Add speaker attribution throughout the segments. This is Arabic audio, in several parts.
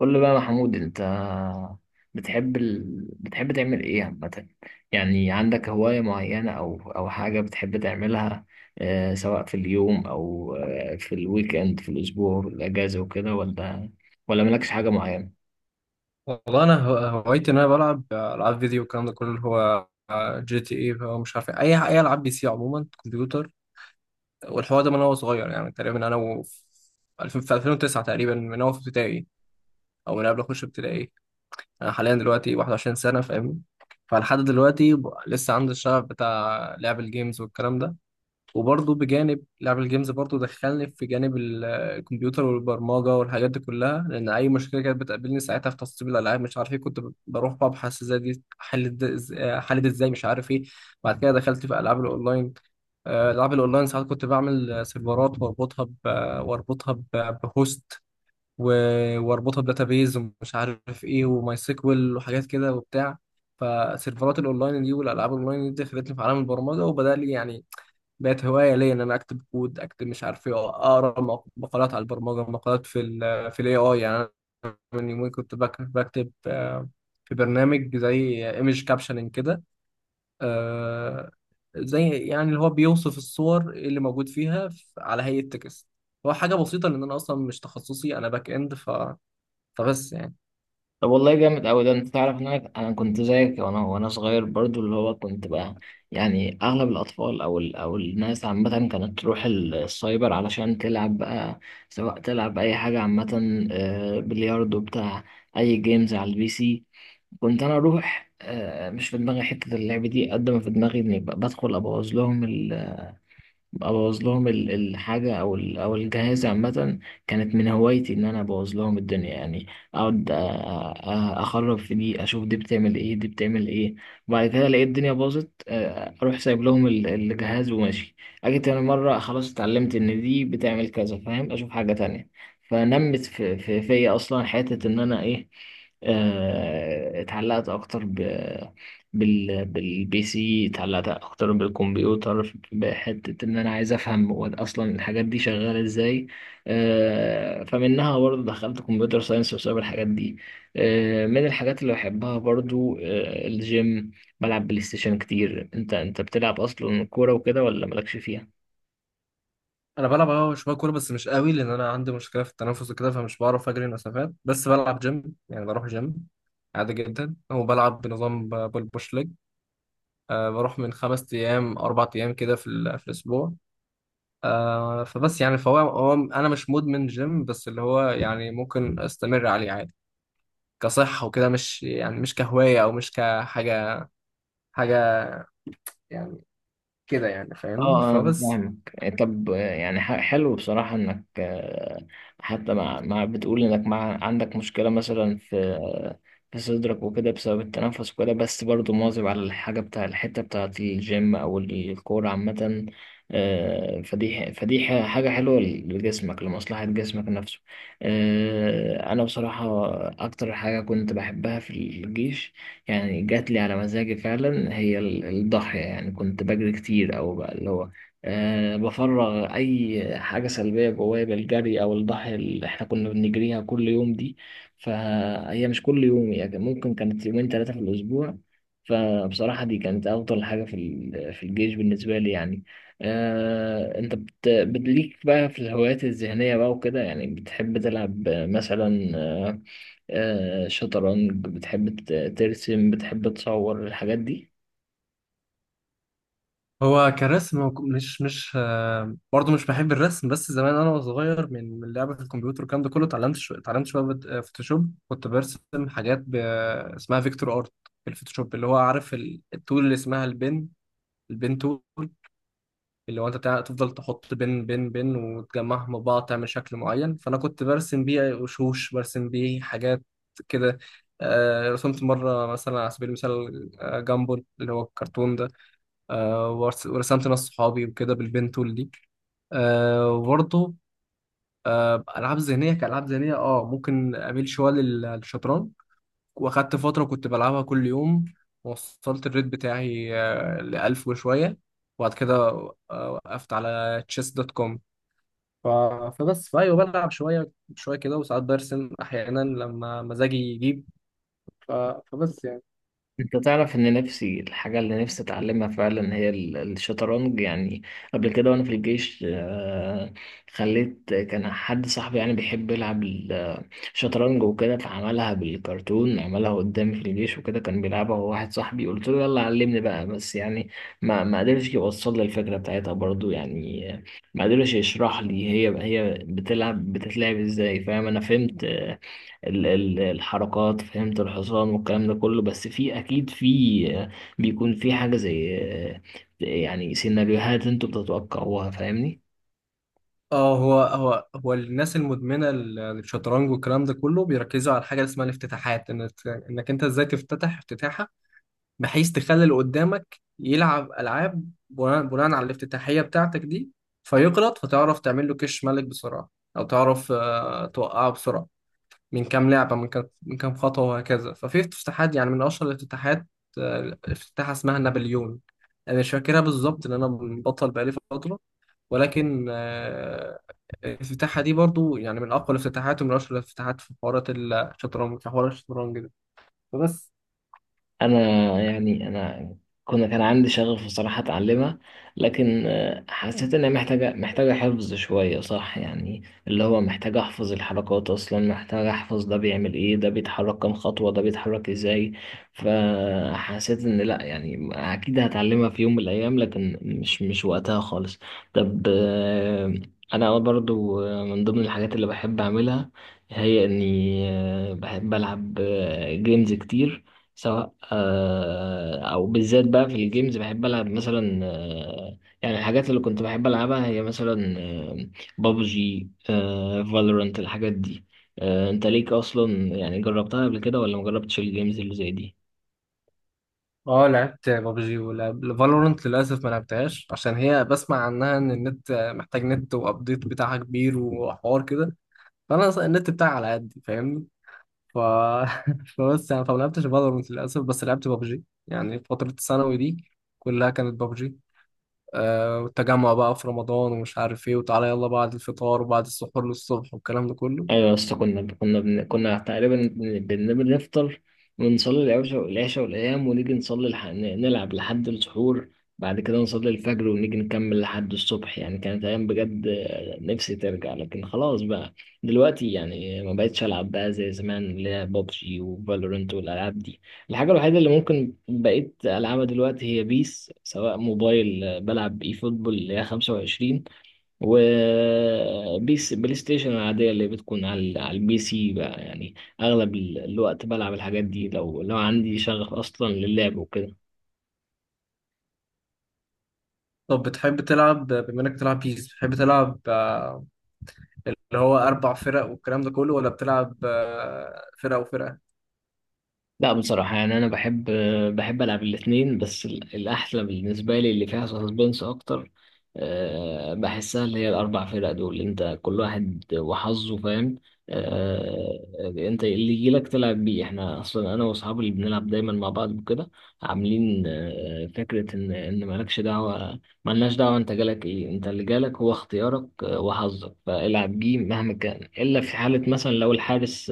Speaker 1: قول لي بقى يا محمود، انت بتحب بتحب تعمل ايه عامة؟ يعني عندك هواية معينة او حاجة بتحب تعملها؟ آه، سواء في اليوم او في الويك اند، في الاسبوع، في الاجازة وكده، ولا ولا مالكش حاجة معينة؟
Speaker 2: والله انا هوايتي ان انا بلعب العاب فيديو والكلام ده كله اللي هو جي تي اي بقى مش عارف إيه. اي العاب بي سي عموما كمبيوتر والحوار ده من وانا صغير يعني تقريبا انا و ألفين في 2009 تقريبا من وانا في ابتدائي او من قبل اخش ابتدائي. انا حاليا دلوقتي 21 سنه فاهم. فلحد دلوقتي لسه عندي الشغف بتاع لعب الجيمز والكلام ده. وبرضه بجانب لعب الجيمز برضه دخلني في جانب الكمبيوتر والبرمجة والحاجات دي كلها، لأن أي مشكلة كانت بتقابلني ساعتها في تسطيب الألعاب مش عارف إيه كنت بروح ببحث إزاي دي حلت، حلت إزاي مش عارف إيه. بعد كده دخلت في ألعاب الأونلاين. آه، ألعاب الأونلاين ساعات كنت بعمل سيرفرات وأربطها ب... بهوست و... وأربطها بداتابيز ومش عارف إيه وماي سيكوال وحاجات كده وبتاع. فسيرفرات الأونلاين دي والألعاب الأونلاين دي دخلتني في عالم البرمجة وبدأ لي يعني بقت هوايه ليا ان انا اكتب كود، اكتب مش عارف ايه، اقرا مقالات على البرمجه، مقالات في ال في الاي اي يعني. أنا من يومين كنت بكتب في برنامج زي ايمج كابشننج كده. آه، زي يعني اللي هو بيوصف الصور اللي موجود فيها على هيئه تكست. هو حاجه بسيطه لان انا اصلا مش تخصصي، انا باك اند. ف فبس يعني.
Speaker 1: طب والله جامد أوي ده. أنت تعرف إن أنا كنت زيك؟ وأنا صغير برضو اللي هو كنت بقى يعني أغلب الأطفال أو أو الناس عامة كانت تروح السايبر علشان تلعب بقى، سواء تلعب أي حاجة عامة، بلياردو بتاع، أي جيمز على البي سي. كنت أنا أروح، مش في دماغي حتة اللعب دي قد ما في دماغي إني بدخل أبوظ لهم. ابوظ لهم الحاجه او او الجهاز عامه. كانت من هوايتي ان انا ابوظ لهم الدنيا يعني. اقعد اخرب في دي، اشوف دي بتعمل ايه، دي بتعمل ايه. وبعد كده الاقي الدنيا باظت، اروح سايب لهم الجهاز وماشي. اجي تاني مره خلاص اتعلمت ان دي بتعمل كذا، فاهم؟ اشوف حاجه تانية. فنمت في فيا اصلا حته ان انا ايه، اتعلقت اكتر بالبي سي. اتعلقت اكتر بالكمبيوتر بحته ان انا عايز افهم هو اصلا الحاجات دي شغاله ازاي. فمنها برضه دخلت كمبيوتر ساينس بسبب الحاجات دي. من الحاجات اللي بحبها برضه، الجيم. بلعب بلاي ستيشن كتير. انت بتلعب اصلا كوره وكده، ولا مالكش فيها؟
Speaker 2: انا بلعب اه شويه كوره بس مش قوي لان انا عندي مشكله في التنفس وكده فمش بعرف اجري مسافات، بس بلعب جيم يعني، بروح جيم عادي جدا وبلعب بنظام بول بوش ليج. أه، بروح من 5 ايام 4 ايام كده في الاسبوع. أه فبس يعني، فهو انا مش مدمن جيم، بس اللي هو يعني ممكن استمر عليه عادي كصحه وكده، مش يعني مش كهوايه او مش كحاجه حاجه يعني كده يعني
Speaker 1: اه.
Speaker 2: فاهمني
Speaker 1: انا
Speaker 2: فبس.
Speaker 1: فاهمك. طب، يعني حلو بصراحة انك، حتى مع بتقول انك مع عندك مشكلة مثلا في، في صدرك وكده بسبب التنفس وكده، بس برضو مواظب على الحاجة بتاع الحتة بتاعة الجيم او الكورة عامة. حاجة حلوة لجسمك، لمصلحة جسمك نفسه. انا بصراحة اكتر حاجة كنت بحبها في الجيش، يعني جات لي على مزاجي فعلا، هي الضاحية. يعني كنت بجري كتير، أو بقى اللي هو أه بفرغ أي حاجة سلبية جوايا بالجري أو الضاحية اللي إحنا كنا بنجريها كل يوم دي. فهي مش كل يوم يعني، ممكن كانت يومين ثلاثة في الأسبوع. فبصراحة دي كانت أفضل حاجة في في الجيش بالنسبة لي يعني. أه، أنت ليك بقى في الهوايات الذهنية بقى وكده؟ يعني بتحب تلعب مثلا، شطرنج؟ بتحب ترسم؟ بتحب تصور الحاجات دي؟
Speaker 2: هو كرسم مش مش آه، برضه مش بحب الرسم. بس زمان انا وصغير من لعبة الكمبيوتر والكلام ده كله اتعلمت شوية فوتوشوب. كنت برسم حاجات اسمها فيكتور ارت في الفوتوشوب، اللي هو عارف التول اللي اسمها البن البن تول، اللي هو انت تفضل تحط بن بن بن وتجمعهم مع بعض تعمل شكل معين. فانا كنت برسم بيه وشوش، برسم بيه حاجات كده. آه، رسمت مرة مثلا على سبيل المثال آه، جامبل اللي هو الكرتون ده. آه، ورسمت ناس صحابي وكده بالبنتول دي. آه، وبرضه آه، ألعاب ذهنية، كألعاب ذهنية اه ممكن أميل شوية للشطرنج، وأخدت فترة كنت بلعبها كل يوم. وصلت الريت بتاعي آه، لـ1000 وشوية. وبعد كده آه، وقفت على تشيس دوت كوم. ف... فبس، فأيوه بلعب شوية شوية كده، وساعات برسم أحيانا لما مزاجي يجيب. ف... فبس يعني.
Speaker 1: انت تعرف ان نفسي الحاجة اللي نفسي اتعلمها فعلا هي الشطرنج يعني. قبل كده وانا في الجيش، خليت كان حد صاحبي يعني بيحب يلعب شطرنج وكده، فعملها بالكرتون، عملها قدامي في الجيش وكده. كان بيلعبها هو واحد صاحبي، قلت له يلا علمني بقى، بس يعني ما قدرش يوصل لي الفكرة بتاعتها برضو يعني. ما قدرش يشرح لي هي بتلعب بتتلعب ازاي. فاهم؟ انا فهمت، الحركات، فهمت الحصان والكلام ده كله، بس في اكيد في، آه، بيكون في حاجة زي، يعني سيناريوهات انتوا بتتوقعوها، فاهمني؟
Speaker 2: اه هو الناس المدمنه للشطرنج والكلام ده كله بيركزوا على حاجه اسمها الافتتاحات، انك انت ازاي تفتتح افتتاحه، بحيث تخلي اللي قدامك يلعب العاب بناء على الافتتاحيه بتاعتك دي فيغلط، فتعرف تعمل له كش ملك بسرعه، او تعرف آه، توقعه بسرعه من كام لعبه، من كام خطوه، وهكذا. ففي افتتاحات يعني، من اشهر الافتتاحات آه، افتتاحه اسمها نابليون، انا مش فاكرها بالظبط لان انا بطل بقالي فتره. ولكن آه، الافتتاحة دي برضو يعني من أقوى الافتتاحات ومن أشهر الافتتاحات في حوارات الشطرنج، في حوار الشطرنج ده. فبس.
Speaker 1: انا يعني انا، كان عندي شغف بصراحة اتعلمها، لكن حسيت انها محتاجة، محتاجة حفظ شوية، صح؟ يعني اللي هو محتاج احفظ الحركات اصلا، محتاج احفظ ده بيعمل ايه، ده بيتحرك كام خطوة، ده بيتحرك ازاي. فحسيت ان لا، يعني اكيد هتعلمها في يوم من الايام، لكن مش وقتها خالص. طب انا برضو، من ضمن الحاجات اللي بحب اعملها هي اني، بحب العب جيمز كتير. سواء او بالذات بقى في الجيمز بحب العب مثلا، يعني الحاجات اللي كنت بحب العبها هي مثلا، بابجي، فالورانت، الحاجات دي. انت ليك اصلا، يعني جربتها قبل كده ولا مجربتش الجيمز اللي زي دي؟
Speaker 2: اه لعبت بابجي، ولعب فالورنت للأسف ما لعبتهاش عشان هي بسمع عنها إن النت محتاج، نت وأبديت بتاعها كبير وحوار كده. فأنا أصلاً النت بتاعي على قدي فاهمني. ف... فبس يعني، فما لعبتش فالورنت للأسف. بس لعبت بابجي يعني، فترة الثانوي دي كلها كانت بابجي. آه، والتجمع بقى في رمضان ومش عارف ايه، وتعالى يلا بعد الفطار وبعد السحور للصبح والكلام ده كله.
Speaker 1: ايوه يا اسطى، كنا تقريبا بنفطر ونصلي العشاء، والايام ونيجي نصلي نلعب لحد السحور. بعد كده نصلي الفجر ونيجي نكمل لحد الصبح. يعني كانت ايام بجد، نفسي ترجع، لكن خلاص بقى. دلوقتي يعني ما بقتش العب بقى زي زمان، اللي هي بابجي وفالورنت والالعاب دي. الحاجه الوحيده اللي ممكن بقيت العبها دلوقتي هي بيس، سواء موبايل، بلعب اي فوتبول اللي هي 25، وبيس بلاي ستيشن العادية اللي بتكون على على البي سي بقى يعني. أغلب الوقت بلعب الحاجات دي، لو عندي شغف أصلا للعب وكده.
Speaker 2: طب بتحب تلعب، بما انك بتلعب بيس، بتحب تلعب آه، اللي هو اربع فرق والكلام ده كله، ولا بتلعب آه، فرقه وفرقه؟
Speaker 1: لا بصراحة يعني، أنا بحب، بحب ألعب الاتنين، بس الأحلى بالنسبة لي اللي فيها سسبنس أكتر، بحسها اللي هي الأربع فرق دول. أنت كل واحد وحظه، فاهم؟ آه، أنت اللي يجيلك تلعب بيه. إحنا أصلا أنا وأصحابي اللي بنلعب دايما مع بعض وكده عاملين، فكرة إن مالكش دعوة، ملناش دعوة. أنت جالك إيه، أنت اللي جالك هو اختيارك، وحظك فالعب بيه مهما كان. إلا في حالة مثلا لو الحارس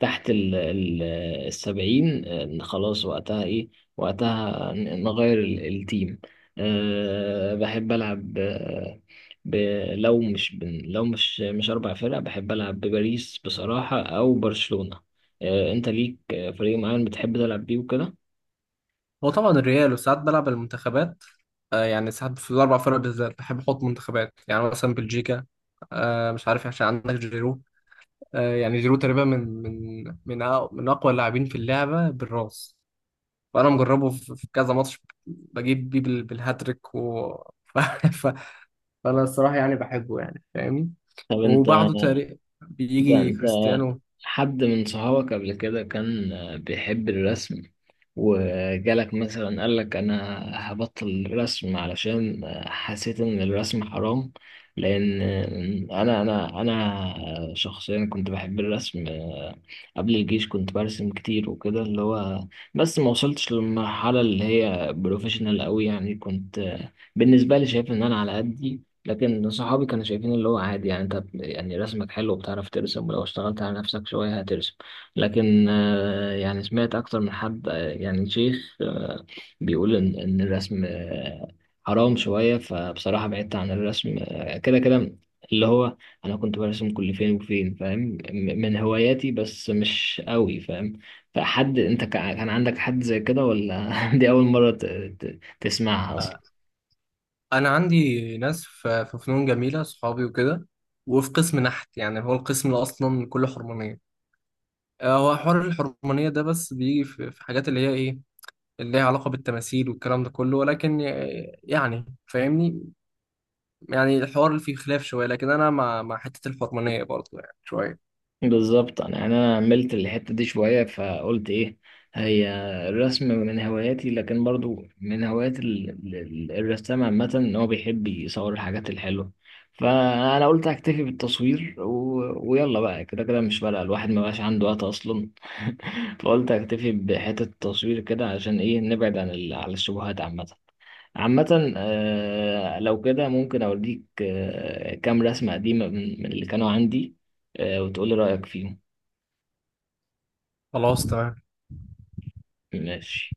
Speaker 1: تحت ال السبعين، إن خلاص وقتها ايه، وقتها نغير التيم. أه بحب ألعب، آه، ب لو مش أربع فرق، بحب ألعب بباريس بصراحة أو برشلونة. أه، أنت ليك، فريق معين بتحب تلعب بيه وكده؟
Speaker 2: هو طبعا الريال، وساعات بلعب المنتخبات. آه، يعني ساعات في الاربع فرق بالذات بحب احط منتخبات، يعني مثلا بلجيكا. آه، مش عارف، عشان عندك جيرو. آه، يعني جيرو تقريبا من اقوى اللاعبين في اللعبه بالراس، وانا مجربه في كذا ماتش، بجيب بيه بالهاتريك ف... ف... فانا الصراحه يعني بحبه يعني فاهمني.
Speaker 1: طب أنت،
Speaker 2: وبعده تقريبا
Speaker 1: أنت
Speaker 2: بيجي
Speaker 1: أنت
Speaker 2: كريستيانو.
Speaker 1: حد من صحابك قبل كده كان بيحب الرسم، وجالك مثلا قالك انا هبطل الرسم علشان حسيت ان الرسم حرام؟ لان انا انا شخصيا كنت بحب الرسم. قبل الجيش كنت برسم كتير وكده، اللي هو بس ما وصلتش للمرحلة اللي هي بروفيشنال قوي. يعني كنت بالنسبة لي شايف ان انا على قدي، لكن صحابي كانوا شايفين اللي هو عادي. يعني انت يعني رسمك حلو وبتعرف ترسم، ولو اشتغلت على نفسك شوية هترسم. لكن يعني سمعت أكتر من حد، يعني شيخ، بيقول إن الرسم، حرام شوية. فبصراحة بعدت عن الرسم، كده كده اللي هو أنا كنت برسم كل فين وفين، فاهم؟ من هواياتي، بس مش قوي، فاهم؟ فحد، أنت كان عندك حد زي كده ولا دي أول مرة تسمعها أصلا؟
Speaker 2: آه، انا عندي ناس في فنون جميله صحابي وكده، وفي قسم نحت، يعني هو القسم اللي اصلا كله حرمانيه. آه، هو حوار الحرمانيه ده بس بيجي في حاجات اللي هي ايه، اللي ليها علاقه بالتماثيل والكلام ده كله، ولكن آه، يعني فاهمني، يعني الحوار اللي فيه خلاف شويه، لكن انا مع حته الحرمانيه برضه يعني شويه.
Speaker 1: بالظبط. انا يعني انا عملت الحته دي شويه فقلت ايه، هي الرسم من هواياتي، لكن برضو من هوايات الرسام عامه ان هو بيحب يصور الحاجات الحلوه. فانا قلت اكتفي بالتصوير ويلا بقى، كده كده مش فارقه، الواحد ما بقاش عنده وقت اصلا. فقلت اكتفي بحته التصوير كده، عشان ايه؟ نبعد عن عن الشبهات عامه. عامة، آه، لو كده ممكن أوريك، كام رسمة قديمة من اللي كانوا عندي، وتقولي رأيك فيهم.
Speaker 2: خلاص تمام.
Speaker 1: ماشي.